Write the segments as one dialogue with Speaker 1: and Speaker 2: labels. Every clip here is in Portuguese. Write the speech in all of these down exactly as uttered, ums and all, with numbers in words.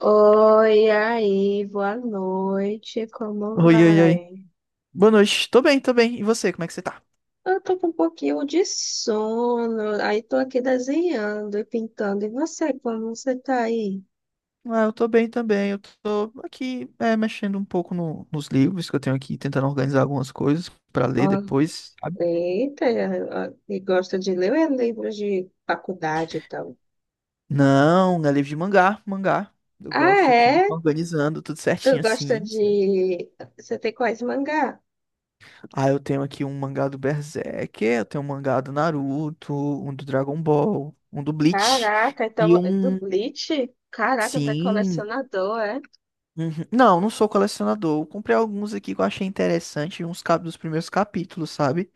Speaker 1: Oi, aí, boa noite, como
Speaker 2: Oi, oi, oi.
Speaker 1: vai?
Speaker 2: Boa noite. Tô bem, tô bem. E você, como é que você tá?
Speaker 1: Eu tô com um pouquinho de sono, aí tô aqui desenhando e pintando. E você, como você tá aí?
Speaker 2: Ah, eu tô bem também. Eu tô aqui, é, mexendo um pouco no- nos livros que eu tenho aqui, tentando organizar algumas coisas pra
Speaker 1: Ó,
Speaker 2: ler depois, sabe?
Speaker 1: eita, ó, e gosta de ler ou é livros de faculdade, então?
Speaker 2: Não, não é livro de mangá, mangá. Eu
Speaker 1: Ah,
Speaker 2: gosto aqui,
Speaker 1: é?
Speaker 2: organizando tudo
Speaker 1: Tu
Speaker 2: certinho
Speaker 1: gosta
Speaker 2: assim.
Speaker 1: de... Você tem quais mangá?
Speaker 2: Ah, eu tenho aqui um mangá do Berserk, eu tenho um mangá do Naruto, um do Dragon Ball, um do Bleach
Speaker 1: Caraca, então,
Speaker 2: e
Speaker 1: do
Speaker 2: um.
Speaker 1: Bleach? Caraca, tá
Speaker 2: Sim,
Speaker 1: colecionador.
Speaker 2: uhum. Não, não sou colecionador. Eu comprei alguns aqui que eu achei interessante, uns cap dos primeiros capítulos, sabe?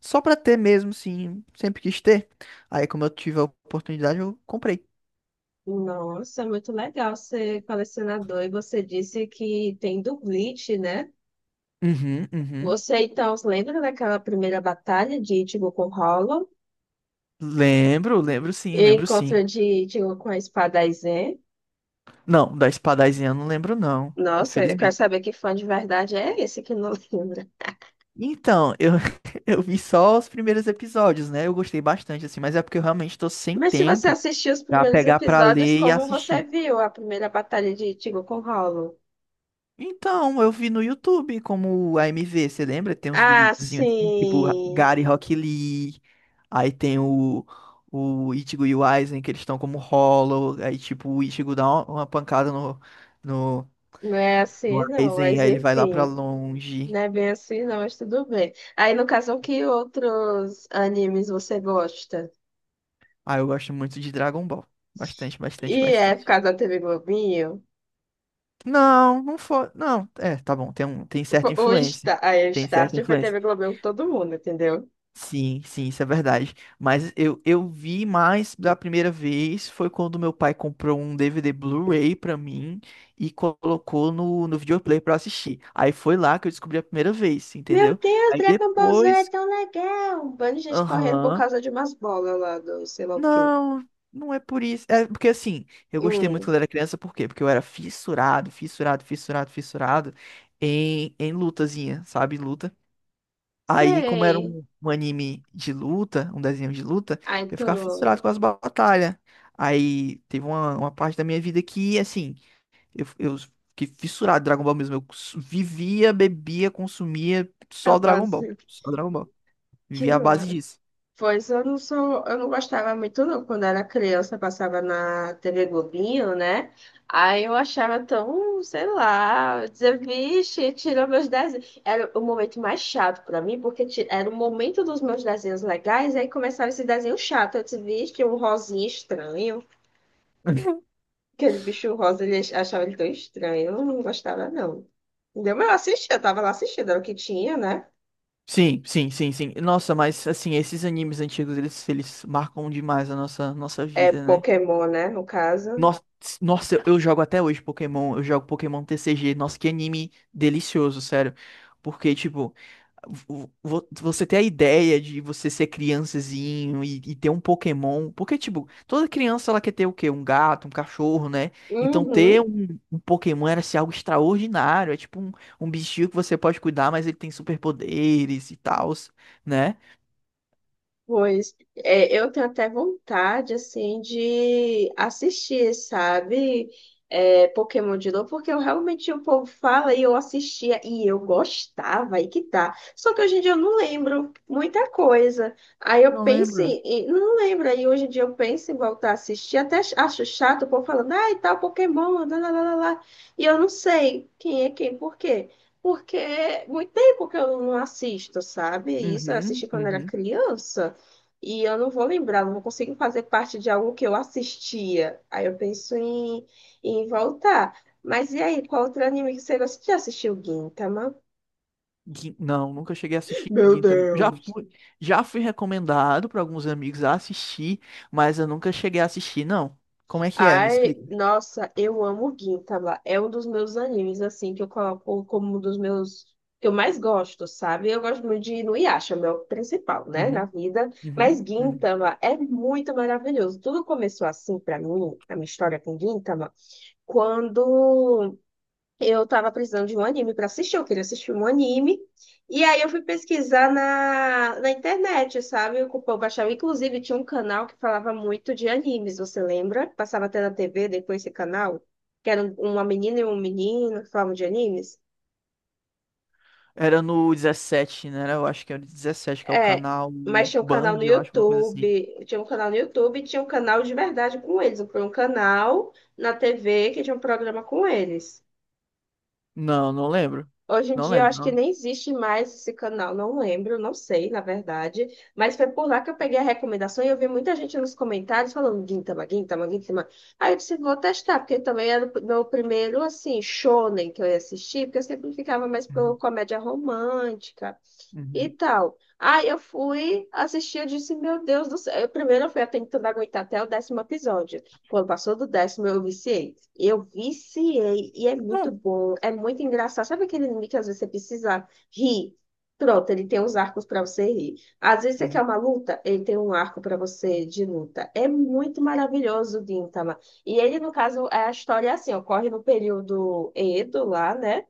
Speaker 2: Só pra ter mesmo, sim, sempre quis ter. Aí, como eu tive a oportunidade, eu comprei.
Speaker 1: Nossa, muito legal ser colecionador. E você disse que tem do Bleach, né?
Speaker 2: Uhum, uhum.
Speaker 1: Você então se lembra daquela primeira batalha de Ichigo com Hollow
Speaker 2: Lembro, lembro sim,
Speaker 1: e
Speaker 2: lembro sim.
Speaker 1: encontro de Ichigo com a espada Aizen?
Speaker 2: Não, da espadazinha eu não lembro não,
Speaker 1: Nossa, eu quero
Speaker 2: infelizmente.
Speaker 1: saber que fã de verdade é esse que não lembra.
Speaker 2: Então, eu, eu vi só os primeiros episódios, né? Eu gostei bastante, assim, mas é porque eu realmente tô sem
Speaker 1: Mas se você
Speaker 2: tempo
Speaker 1: assistiu os
Speaker 2: pra
Speaker 1: primeiros
Speaker 2: pegar pra
Speaker 1: episódios,
Speaker 2: ler e
Speaker 1: como você
Speaker 2: assistir.
Speaker 1: viu a primeira batalha de Ichigo com Hollow?
Speaker 2: Então, eu vi no YouTube como a AMV, você lembra? Tem uns
Speaker 1: Ah,
Speaker 2: videozinhos assim, tipo
Speaker 1: sim.
Speaker 2: Gary Rock Lee, aí tem o, o Ichigo e o Aizen, que eles estão como Hollow, aí tipo o Ichigo dá uma, uma pancada no, no,
Speaker 1: Não é
Speaker 2: no
Speaker 1: assim, não,
Speaker 2: Aizen,
Speaker 1: mas
Speaker 2: aí ele vai lá pra
Speaker 1: enfim.
Speaker 2: longe.
Speaker 1: Não é bem assim, não, mas tudo bem. Aí, no caso, que outros animes você gosta?
Speaker 2: Aí eu gosto muito de Dragon Ball. Bastante, bastante,
Speaker 1: E é por
Speaker 2: bastante.
Speaker 1: causa da T V Globinho?
Speaker 2: Não, não foi. Não, é, tá bom, tem um, tem certa
Speaker 1: O
Speaker 2: influência.
Speaker 1: Star, aí, o
Speaker 2: Tem
Speaker 1: Start
Speaker 2: certa
Speaker 1: foi T
Speaker 2: influência.
Speaker 1: V Globinho com todo mundo, entendeu?
Speaker 2: Sim, sim, isso é verdade. Mas eu, eu vi mais da primeira vez foi quando meu pai comprou um D V D Blu-ray pra mim e colocou no, no videoplay pra eu assistir. Aí foi lá que eu descobri a primeira vez,
Speaker 1: Meu
Speaker 2: entendeu?
Speaker 1: Deus,
Speaker 2: Aí
Speaker 1: Dragon Ball Z é
Speaker 2: depois,
Speaker 1: tão legal! Um bando de gente correndo por
Speaker 2: aham,
Speaker 1: causa de umas bolas lá do sei lá o quê.
Speaker 2: não, não é por isso. É porque assim, eu gostei muito
Speaker 1: Hum,
Speaker 2: quando era criança, por quê? Porque eu era fissurado, fissurado, fissurado, fissurado em, em lutazinha, sabe? Luta. Aí, como era
Speaker 1: sei.
Speaker 2: um, um anime de luta, um desenho de luta,
Speaker 1: Aí
Speaker 2: eu ficava
Speaker 1: tu.
Speaker 2: fissurado com as batalhas. Aí teve uma, uma parte da minha vida que, assim, eu, eu fiquei fissurado em Dragon Ball mesmo. Eu su- vivia, bebia, consumia só Dragon
Speaker 1: Acabou
Speaker 2: Ball. Só Dragon Ball.
Speaker 1: que
Speaker 2: Vivia à
Speaker 1: lá.
Speaker 2: base disso.
Speaker 1: Pois eu não sou, eu não gostava muito não. Quando era criança, passava na T V Globinho, né? Aí eu achava tão, sei lá, eu dizia, vixe, tirou meus desenhos. Era o momento mais chato pra mim, porque ti- era o momento dos meus desenhos legais, aí começava esse desenho chato. Eu disse, vixe, um rosinha estranho. Aquele bicho rosa, ele ach- achava ele tão estranho. Eu não gostava, não. Entendeu? Mas eu assistia, eu tava lá assistindo, era o que tinha, né?
Speaker 2: Sim, sim, sim, sim. Nossa, mas assim, esses animes antigos, eles, eles marcam demais a nossa, nossa
Speaker 1: É
Speaker 2: vida, né?
Speaker 1: Pokémon, né, no caso.
Speaker 2: Nossa, nossa, eu jogo até hoje Pokémon, eu jogo Pokémon T C G. Nossa, que anime delicioso, sério. Porque, tipo, vo- vo- você ter a ideia de você ser criançazinho e, e ter um Pokémon. Porque, tipo, toda criança ela quer ter o quê? Um gato, um cachorro, né? Então, ter
Speaker 1: Uhum.
Speaker 2: um, um Pokémon era assim, algo extraordinário. É tipo um, um bichinho que você pode cuidar, mas ele tem superpoderes e tal, né?
Speaker 1: Pois é, eu tenho até vontade, assim, de assistir, sabe? É, Pokémon de novo, porque eu realmente o povo fala e eu assistia e eu gostava, aí que tá. Só que hoje em dia eu não lembro muita coisa. Aí eu
Speaker 2: Não
Speaker 1: penso
Speaker 2: lembro.
Speaker 1: em, em- não lembro, aí hoje em dia eu penso em voltar a assistir, até ach- acho chato o povo falando, ai, tal Pokémon, lá, lá, lá, lá. Lá". E eu não sei quem é quem, por quê? Porque é muito tempo que eu não assisto, sabe? Isso eu
Speaker 2: Uhum,
Speaker 1: assisti quando era
Speaker 2: uhum.
Speaker 1: criança. E eu não vou lembrar, não vou conseguir fazer parte de algo que eu assistia. Aí eu penso em, em voltar. Mas e aí, qual outro anime que você gosta? Você já assistiu Gintama?
Speaker 2: Gin- Não, nunca cheguei a assistir
Speaker 1: Meu
Speaker 2: Gintama. Já
Speaker 1: Deus!
Speaker 2: fui, já fui recomendado para alguns amigos a assistir, mas eu nunca cheguei a assistir, não. Como é que é? Me
Speaker 1: Ai,
Speaker 2: explica.
Speaker 1: nossa, eu amo Gintama. É um dos meus animes, assim, que eu coloco como um dos meus... que eu mais gosto, sabe? Eu gosto muito de Inuyasha, meu principal, né, na
Speaker 2: Uhum,
Speaker 1: vida. Mas
Speaker 2: uhum, uhum.
Speaker 1: Gintama é muito maravilhoso. Tudo começou assim pra mim, a minha história com Gintama, quando... Eu tava precisando de um anime pra assistir, eu queria assistir um anime. E aí eu fui pesquisar na, na internet, sabe? Eu, eu baixava, inclusive, tinha um canal que falava muito de animes, você lembra? Passava até na T V depois esse canal, que era um, uma menina e um menino que falavam de animes.
Speaker 2: Era no dezessete, né? Eu acho que era o dezessete, que é o
Speaker 1: É,
Speaker 2: canal
Speaker 1: mas tinha um canal
Speaker 2: Band,
Speaker 1: no
Speaker 2: eu acho, uma coisa assim.
Speaker 1: YouTube, tinha um canal no YouTube e tinha um canal de verdade com eles. Foi um canal na T V que tinha um programa com eles.
Speaker 2: Não, não lembro.
Speaker 1: Hoje em
Speaker 2: Não
Speaker 1: dia, eu
Speaker 2: lembro.
Speaker 1: acho que
Speaker 2: Não.
Speaker 1: nem existe mais esse canal, não lembro, não sei, na verdade. Mas foi por lá que eu peguei a recomendação e eu vi muita gente nos comentários falando Gintama, Gintama, Gintama. Aí eu disse, vou testar, porque também era o meu primeiro, assim, shonen que eu ia assistir, porque eu sempre ficava mais pro
Speaker 2: Uhum,
Speaker 1: comédia romântica e
Speaker 2: uhum,
Speaker 1: tal. Aí eu fui assistir, eu disse, meu Deus do céu. Eu, primeiro eu fui tentando aguentar até o décimo episódio. Quando passou do décimo, eu viciei. Eu viciei e é muito
Speaker 2: não.
Speaker 1: bom, é muito engraçado. Sabe aquele anime que às vezes você precisa rir? Pronto, ele tem uns arcos para você rir. Às vezes você quer
Speaker 2: Uhum,
Speaker 1: uma luta, ele tem um arco para você de luta. É muito maravilhoso o Gintama. E ele, no caso, é a história é assim, ocorre no período Edo lá, né?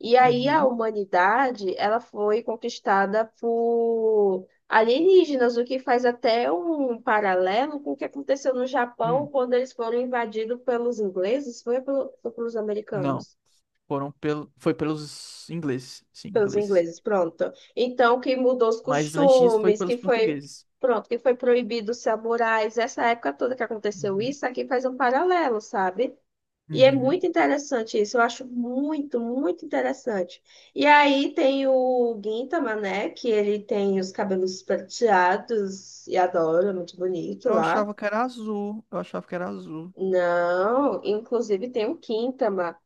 Speaker 1: E aí a
Speaker 2: uhum,
Speaker 1: humanidade, ela foi conquistada por alienígenas, o que faz até um paralelo com o que aconteceu no Japão
Speaker 2: hum,
Speaker 1: quando eles foram invadidos pelos ingleses, foi, pelo- foi pelos
Speaker 2: não.
Speaker 1: americanos,
Speaker 2: Foram pelo, foi pelos ingleses, sim,
Speaker 1: pelos
Speaker 2: ingleses.
Speaker 1: ingleses, pronto. Então, que mudou os
Speaker 2: Mas antes disso foi
Speaker 1: costumes, que
Speaker 2: pelos
Speaker 1: foi,
Speaker 2: portugueses.
Speaker 1: pronto, que foi proibido os samurais, essa época toda que aconteceu
Speaker 2: Uhum,
Speaker 1: isso, aqui faz um paralelo, sabe? E é
Speaker 2: uhum.
Speaker 1: muito interessante isso, eu acho muito, muito interessante. E aí tem o Gintama, né? Que ele tem os cabelos prateados e adoro, é muito bonito
Speaker 2: Eu
Speaker 1: lá.
Speaker 2: achava que era azul. Eu achava que era azul.
Speaker 1: Não, inclusive tem o Quintama.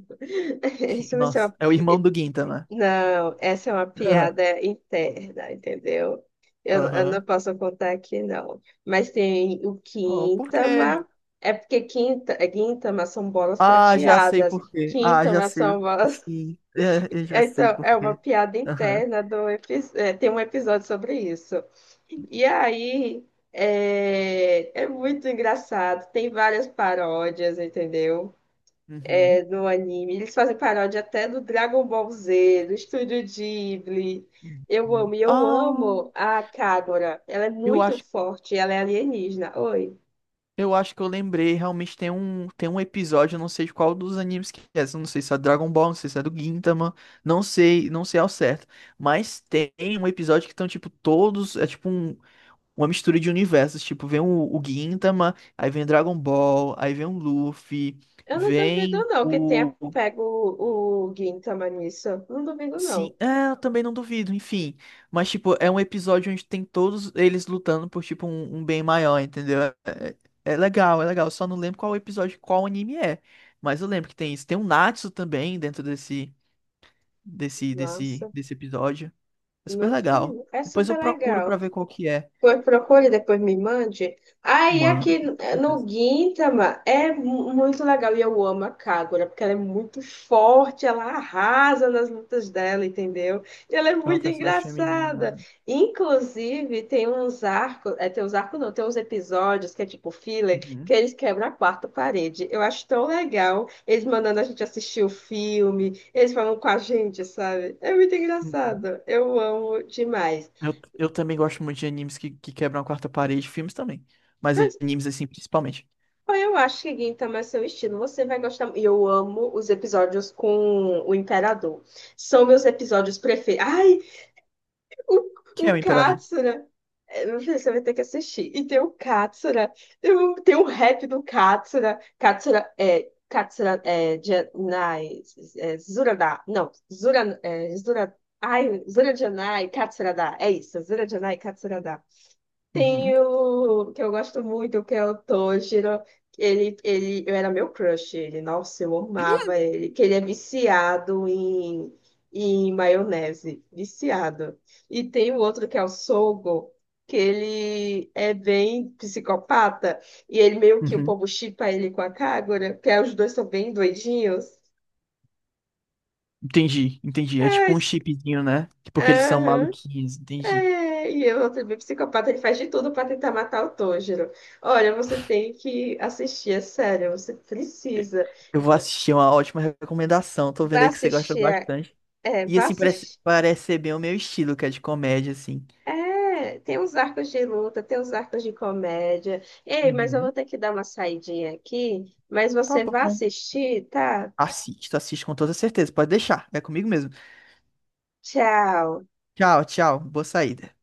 Speaker 1: Isso vai ser
Speaker 2: Nossa,
Speaker 1: uma...
Speaker 2: é o irmão do Ginta, né?
Speaker 1: Não, essa é uma piada interna, entendeu? Eu, eu não
Speaker 2: Aham.
Speaker 1: posso contar aqui, não. Mas tem o
Speaker 2: Oh, por quê?
Speaker 1: Quintama, é porque quinta, Gintama são bolas
Speaker 2: Ah, já sei
Speaker 1: prateadas.
Speaker 2: por quê. Ah, já
Speaker 1: Quintama
Speaker 2: sei.
Speaker 1: são bolas.
Speaker 2: Sim, é, eu já sei
Speaker 1: Então, é
Speaker 2: por
Speaker 1: uma
Speaker 2: quê.
Speaker 1: piada
Speaker 2: Aham.
Speaker 1: interna do epi- é, tem um episódio sobre isso. E aí é, é muito engraçado. Tem várias paródias, entendeu?
Speaker 2: Uhum.
Speaker 1: É, no anime. Eles fazem paródia até do Dragon Ball Z, do Estúdio Ghibli. Eu
Speaker 2: Uhum.
Speaker 1: amo, e eu
Speaker 2: Ah,
Speaker 1: amo a Kagura. Ela é
Speaker 2: eu
Speaker 1: muito
Speaker 2: acho,
Speaker 1: forte, ela é alienígena. Oi.
Speaker 2: eu acho que eu lembrei. Realmente tem um, tem um episódio, eu não sei de qual dos animes que é. Eu não sei se é Dragon Ball, não sei se é do Gintama. Não sei, não sei ao certo. Mas tem um episódio que estão, tipo, todos. É tipo um. Uma mistura de universos. Tipo, vem o, o Gintama, aí vem Dragon Ball, aí vem o Luffy,
Speaker 1: Eu não duvido,
Speaker 2: vem
Speaker 1: não, que tenha
Speaker 2: o. o-
Speaker 1: pego o, o Gintama nisso. Não duvido, não.
Speaker 2: sim, é, eu também não duvido, enfim. Mas, tipo, é um episódio onde tem todos eles lutando por, tipo, um, um bem maior, entendeu? É, é- é legal, é legal. Eu só não lembro qual episódio, qual anime é. Mas eu lembro que tem isso. Tem um Natsu também dentro desse, desse, desse,
Speaker 1: Nossa.
Speaker 2: desse episódio. É super
Speaker 1: Meu
Speaker 2: legal.
Speaker 1: filho, é
Speaker 2: Depois eu
Speaker 1: super
Speaker 2: procuro pra
Speaker 1: legal.
Speaker 2: ver qual que é.
Speaker 1: Pois procure, depois me mande. Aí
Speaker 2: Mano,
Speaker 1: aqui
Speaker 2: com
Speaker 1: eh, no
Speaker 2: certeza.
Speaker 1: Gintama é mu- muito legal e eu amo a Kagura, porque ela é muito forte, ela arrasa nas lutas dela, entendeu? E ela é
Speaker 2: É uma
Speaker 1: muito
Speaker 2: personagem
Speaker 1: engraçada.
Speaker 2: feminina.
Speaker 1: Inclusive, tem uns arcos, é, tem uns arcos não, tem uns episódios que é tipo filler, que
Speaker 2: Uhum.
Speaker 1: eles quebram a quarta parede. Eu acho tão legal eles mandando a gente assistir o filme, eles falam com a gente, sabe? É muito
Speaker 2: Uhum.
Speaker 1: engraçado. Eu amo demais.
Speaker 2: Eu, eu também gosto muito de animes que, que quebram a quarta parede, filmes também. Mas animes, assim, principalmente.
Speaker 1: Bom, eu acho que Gintama é seu estilo. Você vai gostar. E eu amo os episódios com o Imperador. São meus episódios preferidos. Ai,
Speaker 2: Que
Speaker 1: o,
Speaker 2: é o
Speaker 1: o
Speaker 2: Imperador.
Speaker 1: Katsura. É, meu filho, você vai ter que assistir. E tem o Katsura. Tem o, tem o rap do Katsura. Katsura é. Katsura é. Janai. É, Zurada. Não. Zura, é, Zura, ai, Zura Janai, Katsura. É isso. Zura Janai, Katsura
Speaker 2: Uhum.
Speaker 1: tem o que eu gosto muito, que é o Toshiro. Que Ele, ele, eu era meu crush, ele, nossa, eu amava ele, que ele é viciado em, em maionese, viciado. E tem o outro que é o Sogo, que ele é bem psicopata, e ele meio que o
Speaker 2: Uhum.
Speaker 1: povo shippa ele com a Kagura, que é, os dois são bem doidinhos.
Speaker 2: Entendi, entendi. É tipo um
Speaker 1: Mas,
Speaker 2: chipzinho, né? Porque eles são maluquinhos, entendi.
Speaker 1: é, e eu também psicopata, ele faz de tudo para tentar matar o Tanjiro. Olha, você tem que assistir, é sério, você precisa.
Speaker 2: Eu vou assistir, é uma ótima recomendação. Tô vendo
Speaker 1: Vá
Speaker 2: aí que você gosta
Speaker 1: assistir, a-
Speaker 2: bastante.
Speaker 1: é,
Speaker 2: E
Speaker 1: vá
Speaker 2: assim, parece,
Speaker 1: assistir.
Speaker 2: parece ser bem o meu estilo, que é de comédia, assim.
Speaker 1: É, tem os arcos de luta, tem os arcos de comédia. Ei, mas eu
Speaker 2: Uhum.
Speaker 1: vou ter que dar uma saidinha aqui, mas
Speaker 2: Tá
Speaker 1: você vai
Speaker 2: bom.
Speaker 1: assistir, tá?
Speaker 2: Assisto, assisto com toda certeza. Pode deixar. É comigo mesmo.
Speaker 1: Tchau.
Speaker 2: Tchau, tchau. Boa saída.